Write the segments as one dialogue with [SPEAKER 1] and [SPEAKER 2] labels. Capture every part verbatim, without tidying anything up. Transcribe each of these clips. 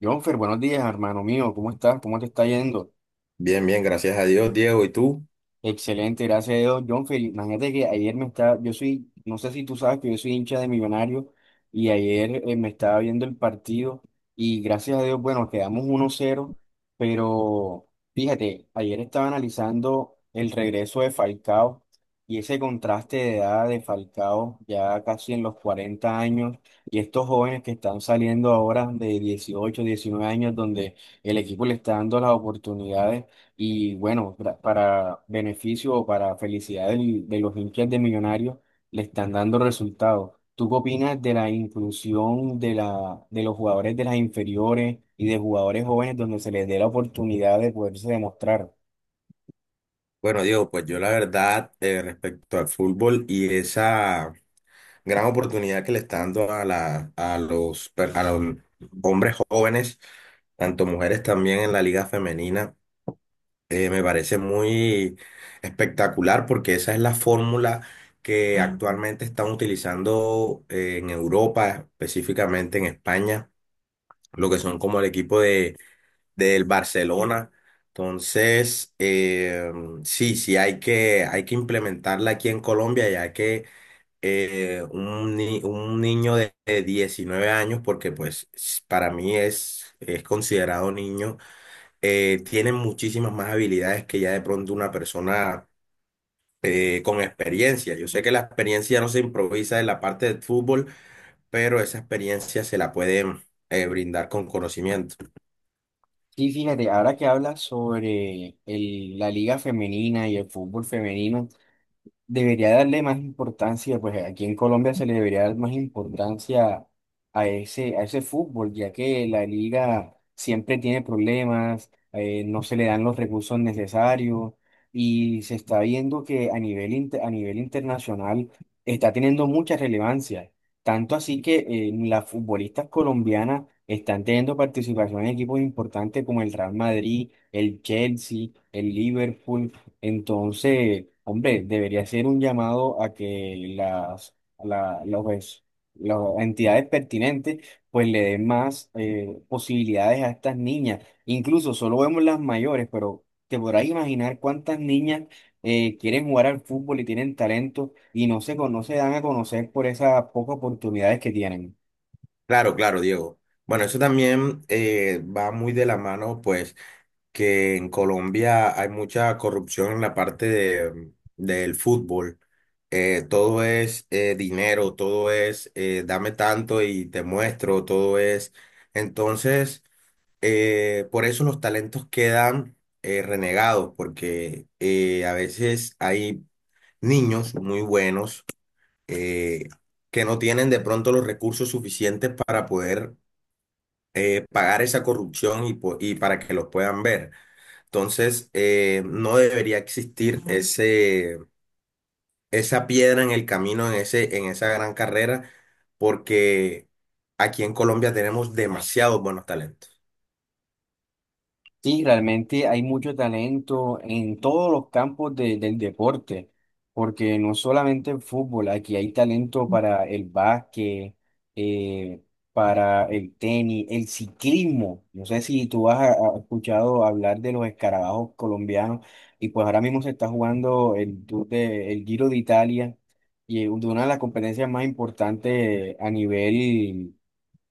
[SPEAKER 1] Jonfer, buenos días, hermano mío. ¿Cómo estás? ¿Cómo te está yendo?
[SPEAKER 2] Bien, bien, gracias a Dios, Diego. ¿Y tú?
[SPEAKER 1] Excelente, gracias a Dios. John, Felipe, imagínate que ayer me estaba, yo soy, no sé si tú sabes que yo soy hincha de Millonarios y ayer eh, me estaba viendo el partido y gracias a Dios, bueno, quedamos uno cero pero fíjate, ayer estaba analizando el regreso de Falcao y ese contraste de edad de Falcao ya casi en los cuarenta años y estos jóvenes que están saliendo ahora de dieciocho diecinueve años donde el equipo le está dando las oportunidades. Y bueno, pra- para beneficio o para felicidad del- de los hinchas de Millonarios, le están dando resultados. ¿Tú qué opinas de la inclusión de la, de los jugadores de las inferiores y de jugadores jóvenes donde se les dé la oportunidad de poderse demostrar?
[SPEAKER 2] Bueno, Diego, pues yo la verdad, eh, respecto al fútbol y esa gran oportunidad que le está dando a, la, a, los, per- a los hombres jóvenes, tanto mujeres también en la liga femenina, eh, me parece muy espectacular, porque esa es la fórmula que actualmente están utilizando eh, en Europa, específicamente en España, lo que son como el equipo del Barcelona. Entonces, eh, sí, sí, hay que, hay que implementarla aquí en Colombia, ya que eh, un, ni- un niño de de diecinueve años, porque pues s- para mí es, es considerado niño. Eh, tiene muchísimas más habilidades que ya de pronto una persona eh, con experiencia. Yo sé que la experiencia no se improvisa en la parte del fútbol, pero esa experiencia se la pueden eh, brindar con conocimiento.
[SPEAKER 1] Sí, fíjate, ahora que hablas sobre el- la liga femenina y el fútbol femenino. Debería darle más importancia, pues aquí en Colombia se le debería dar más importancia a ese, a ese fútbol, ya que la liga siempre tiene problemas, eh, no se le dan los recursos necesarios y se está viendo que a nivel, inter- a nivel internacional está teniendo mucha relevancia, tanto así que eh, las futbolistas colombianas están teniendo participación en equipos importantes como el Real Madrid, el Chelsea, el Liverpool. Entonces, hombre, debería ser un llamado a que las, la- los es- las entidades pertinentes pues le den más eh, posibilidades a estas niñas. Incluso solo vemos las mayores, pero te podrás imaginar cuántas niñas eh, quieren jugar al fútbol y tienen talento y no se, cono- no se dan a conocer por esas pocas oportunidades que tienen.
[SPEAKER 2] Claro, claro, Diego. Bueno, eso también eh, va muy de la mano, pues, que en Colombia hay mucha corrupción en la parte de, del fútbol. Eh, todo es eh, dinero, todo es eh, dame tanto y te muestro, todo es. Entonces, eh, por eso los talentos quedan eh, renegados, porque eh, a veces hay niños muy buenos eh, que no tienen de pronto los recursos suficientes para poder eh, pagar esa corrupción y, po- y para que los puedan ver. Entonces, eh, no debería existir ese, esa piedra en el camino, en ese, en esa gran carrera, porque aquí en Colombia tenemos demasiados buenos talentos.
[SPEAKER 1] Sí, realmente hay mucho talento en todos los campos de- del deporte, porque no solamente el fútbol, aquí hay talento para el básquet, eh, para el tenis, el ciclismo. No sé si tú has a- a- escuchado hablar de los escarabajos colombianos, y pues ahora mismo se está jugando el, Tour de- el Giro de Italia, y es una de las competencias más importantes a nivel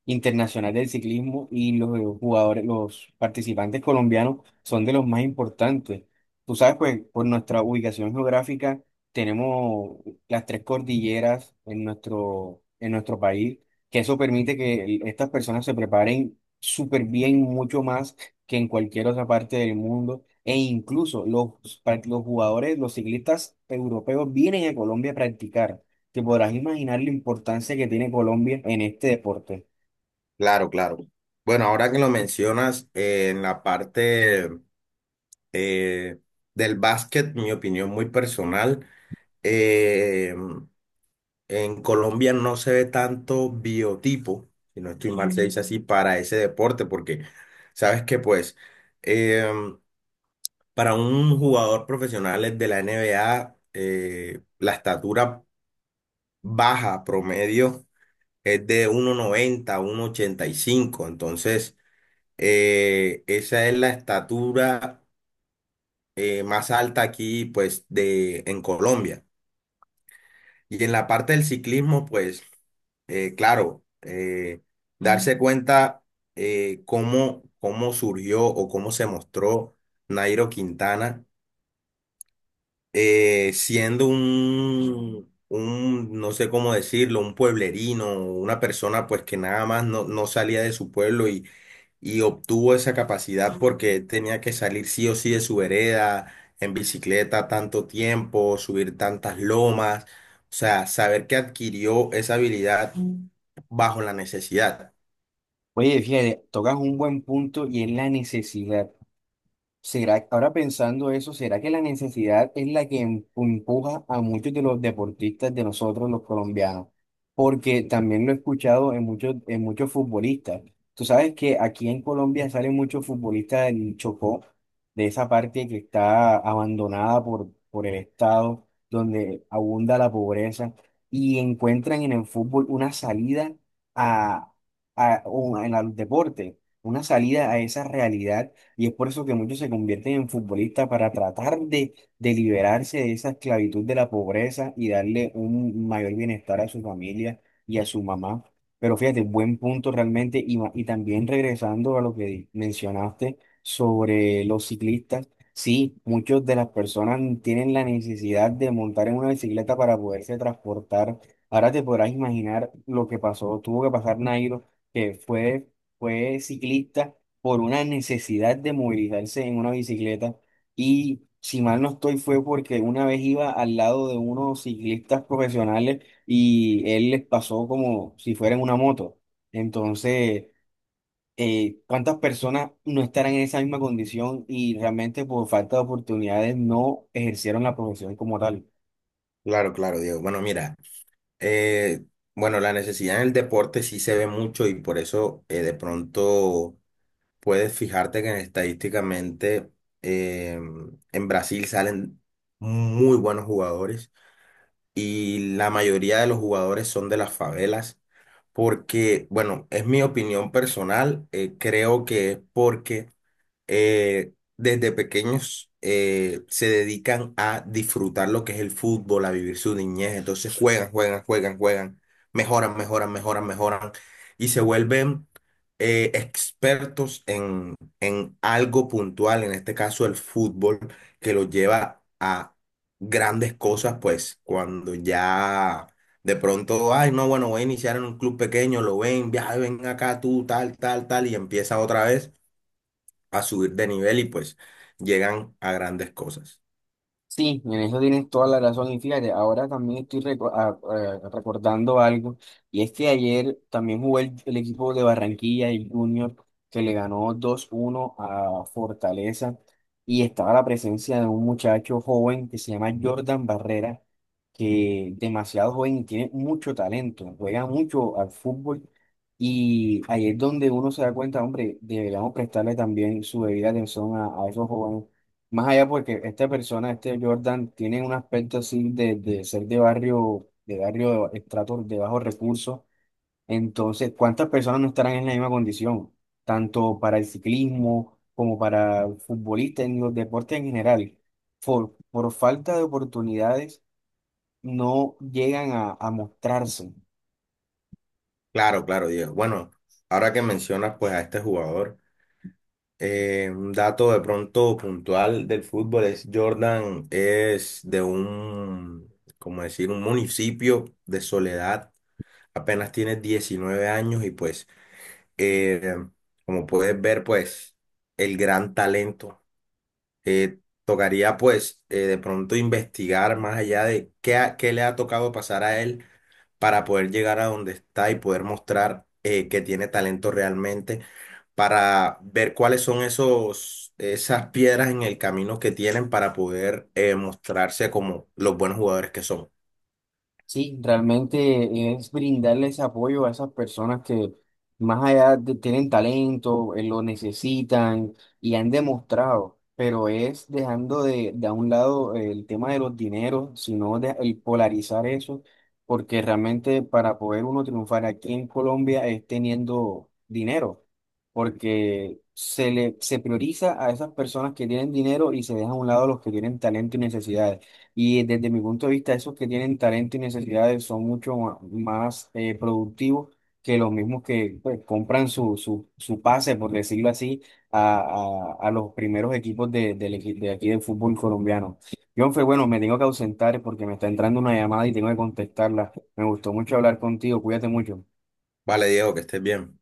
[SPEAKER 1] internacional del ciclismo y los jugadores, los participantes colombianos son de los más importantes. Tú sabes, pues por nuestra ubicación geográfica tenemos las tres cordilleras en nuestro, en nuestro país, que eso permite que el- estas personas se preparen súper bien, mucho más que en cualquier otra parte del mundo. E incluso los, pa- los jugadores, los ciclistas europeos vienen a Colombia a practicar. Te podrás imaginar la importancia que tiene Colombia en este deporte.
[SPEAKER 2] Claro, claro. Bueno, ahora que lo mencionas, eh, en la parte eh, del básquet, mi opinión muy personal: En Colombia no se ve tanto biotipo, si no estoy mal, se dice así, para ese deporte, porque sabes que pues, em, para un jugador profesional de la N B A, eh, la estatura baja promedio es de uno uno noventa, uno ochenta y cinco. Entonces eh, esa es la estatura eh, más alta aquí, pues, de, en Colombia. Y en la parte del ciclismo, pues, eh, claro, eh, Mm. darse cuenta eh, cómo, cómo surgió o cómo se mostró Nairo Quintana, eh, siendo un, un, no sé cómo decirlo, un pueblerino, una persona pues que nada más no, no salía de su pueblo y y obtuvo esa capacidad porque tenía que salir sí o sí de su vereda, en bicicleta tanto tiempo, subir tantas lomas, o sea, saber que adquirió esa habilidad Mm. bajo la necesidad.
[SPEAKER 1] Oye, fíjate, tocas un buen punto y es la necesidad. ¿Será, ahora pensando eso, será que la necesidad es la que em- empuja a muchos de los deportistas de nosotros, los colombianos? Porque también lo he escuchado en muchos, en muchos futbolistas. Tú sabes que aquí en Colombia salen muchos futbolistas del Chocó, de esa parte que está abandonada por, por el Estado, donde abunda la pobreza, y encuentran en el fútbol una salida a, a, o en el deporte, una salida a esa realidad y es por eso que muchos se convierten en futbolistas para tratar de, de liberarse de esa esclavitud de la pobreza y darle un mayor bienestar a su familia y a su mamá. Pero fíjate, buen punto realmente. Y, ma- y también regresando a lo que di- mencionaste sobre los ciclistas, sí, muchas de las personas tienen la necesidad de montar en una bicicleta para poderse transportar. Ahora te podrás imaginar lo que pasó, tuvo que pasar Nairo, que fue, fue ciclista por una necesidad de movilizarse en una bicicleta. Y si mal no estoy, fue porque una vez iba al lado de unos ciclistas profesionales y él les pasó como si fuera en una moto. Entonces, eh, ¿cuántas personas no estarán en esa misma condición y realmente por falta de oportunidades no ejercieron la profesión como tal?
[SPEAKER 2] Claro, claro, Diego. Bueno, mira, eh, bueno, la necesidad en el deporte sí se ve mucho, y por eso eh, de pronto puedes fijarte que estadísticamente eh, en Brasil salen muy buenos jugadores y la mayoría de los jugadores son de las favelas, porque, bueno, es mi opinión personal, eh, creo que es porque eh, desde pequeños eh, se dedican a disfrutar lo que es el fútbol, a vivir su niñez. Entonces juegan, juegan, juegan, juegan, mejoran, mejoran, mejoran, mejoran, y se vuelven eh, expertos en, en algo puntual, en este caso el fútbol, que los lleva a grandes cosas, pues cuando ya... De pronto, ay, no, bueno, voy a iniciar en un club pequeño, lo ven, ya, ven acá tú, tal, tal, tal, y empieza otra vez a subir de nivel y pues llegan a grandes cosas.
[SPEAKER 1] Sí, en eso tienes toda la razón. Y fíjate, ahora también estoy reco- a- a- recordando algo, y es que ayer también jugó el, el equipo de Barranquilla, el Junior, que le ganó dos uno a Fortaleza, y estaba la presencia de un muchacho joven que se llama Jordan Barrera, que demasiado joven y tiene mucho talento, juega mucho al fútbol, y ahí es donde uno se da cuenta, hombre, deberíamos prestarle también su debida atención a, a esos jóvenes más allá porque esta persona, este Jordan, tiene un aspecto así de, de ser de barrio, de barrio de estrato de bajos recursos. Entonces, ¿cuántas personas no estarán en la misma condición? Tanto para el ciclismo como para futbolistas en los deportes en general. Por, por falta de oportunidades no llegan a, a mostrarse.
[SPEAKER 2] Claro, claro, Diego. Bueno, ahora que mencionas pues a este jugador, eh, un dato de pronto puntual del fútbol es: Jordan es de un, como decir, un municipio de Soledad, apenas tiene diecinueve años y pues, eh, como puedes ver, pues el gran talento. eh, Tocaría pues eh, de pronto investigar más allá de qué, ha- qué le ha tocado pasar a él para poder llegar a donde está y poder mostrar eh, que tiene talento realmente, para ver cuáles son esos, esas piedras en el camino que tienen para poder eh, mostrarse como los buenos jugadores que son.
[SPEAKER 1] Sí, realmente es brindarles apoyo a esas personas que más allá de, tienen talento, eh, lo necesitan y han demostrado, pero es dejando de, de a un lado el tema de los dineros, sino de, el polarizar eso, porque realmente para poder uno triunfar aquí en Colombia es teniendo dinero, porque se le, se prioriza a esas personas que tienen dinero y se deja a un lado a los que tienen talento y necesidades. Y desde mi punto de vista, esos que tienen talento y necesidades son mucho ma- más eh, productivos que los mismos que pues, compran su, su, su pase, por decirlo así, a, a- a los primeros equipos de, del equi- de aquí del fútbol colombiano. John, fue bueno, me tengo que ausentar porque me está entrando una llamada y tengo que contestarla. Me gustó mucho hablar contigo, cuídate mucho.
[SPEAKER 2] Vale, Diego, que estés bien.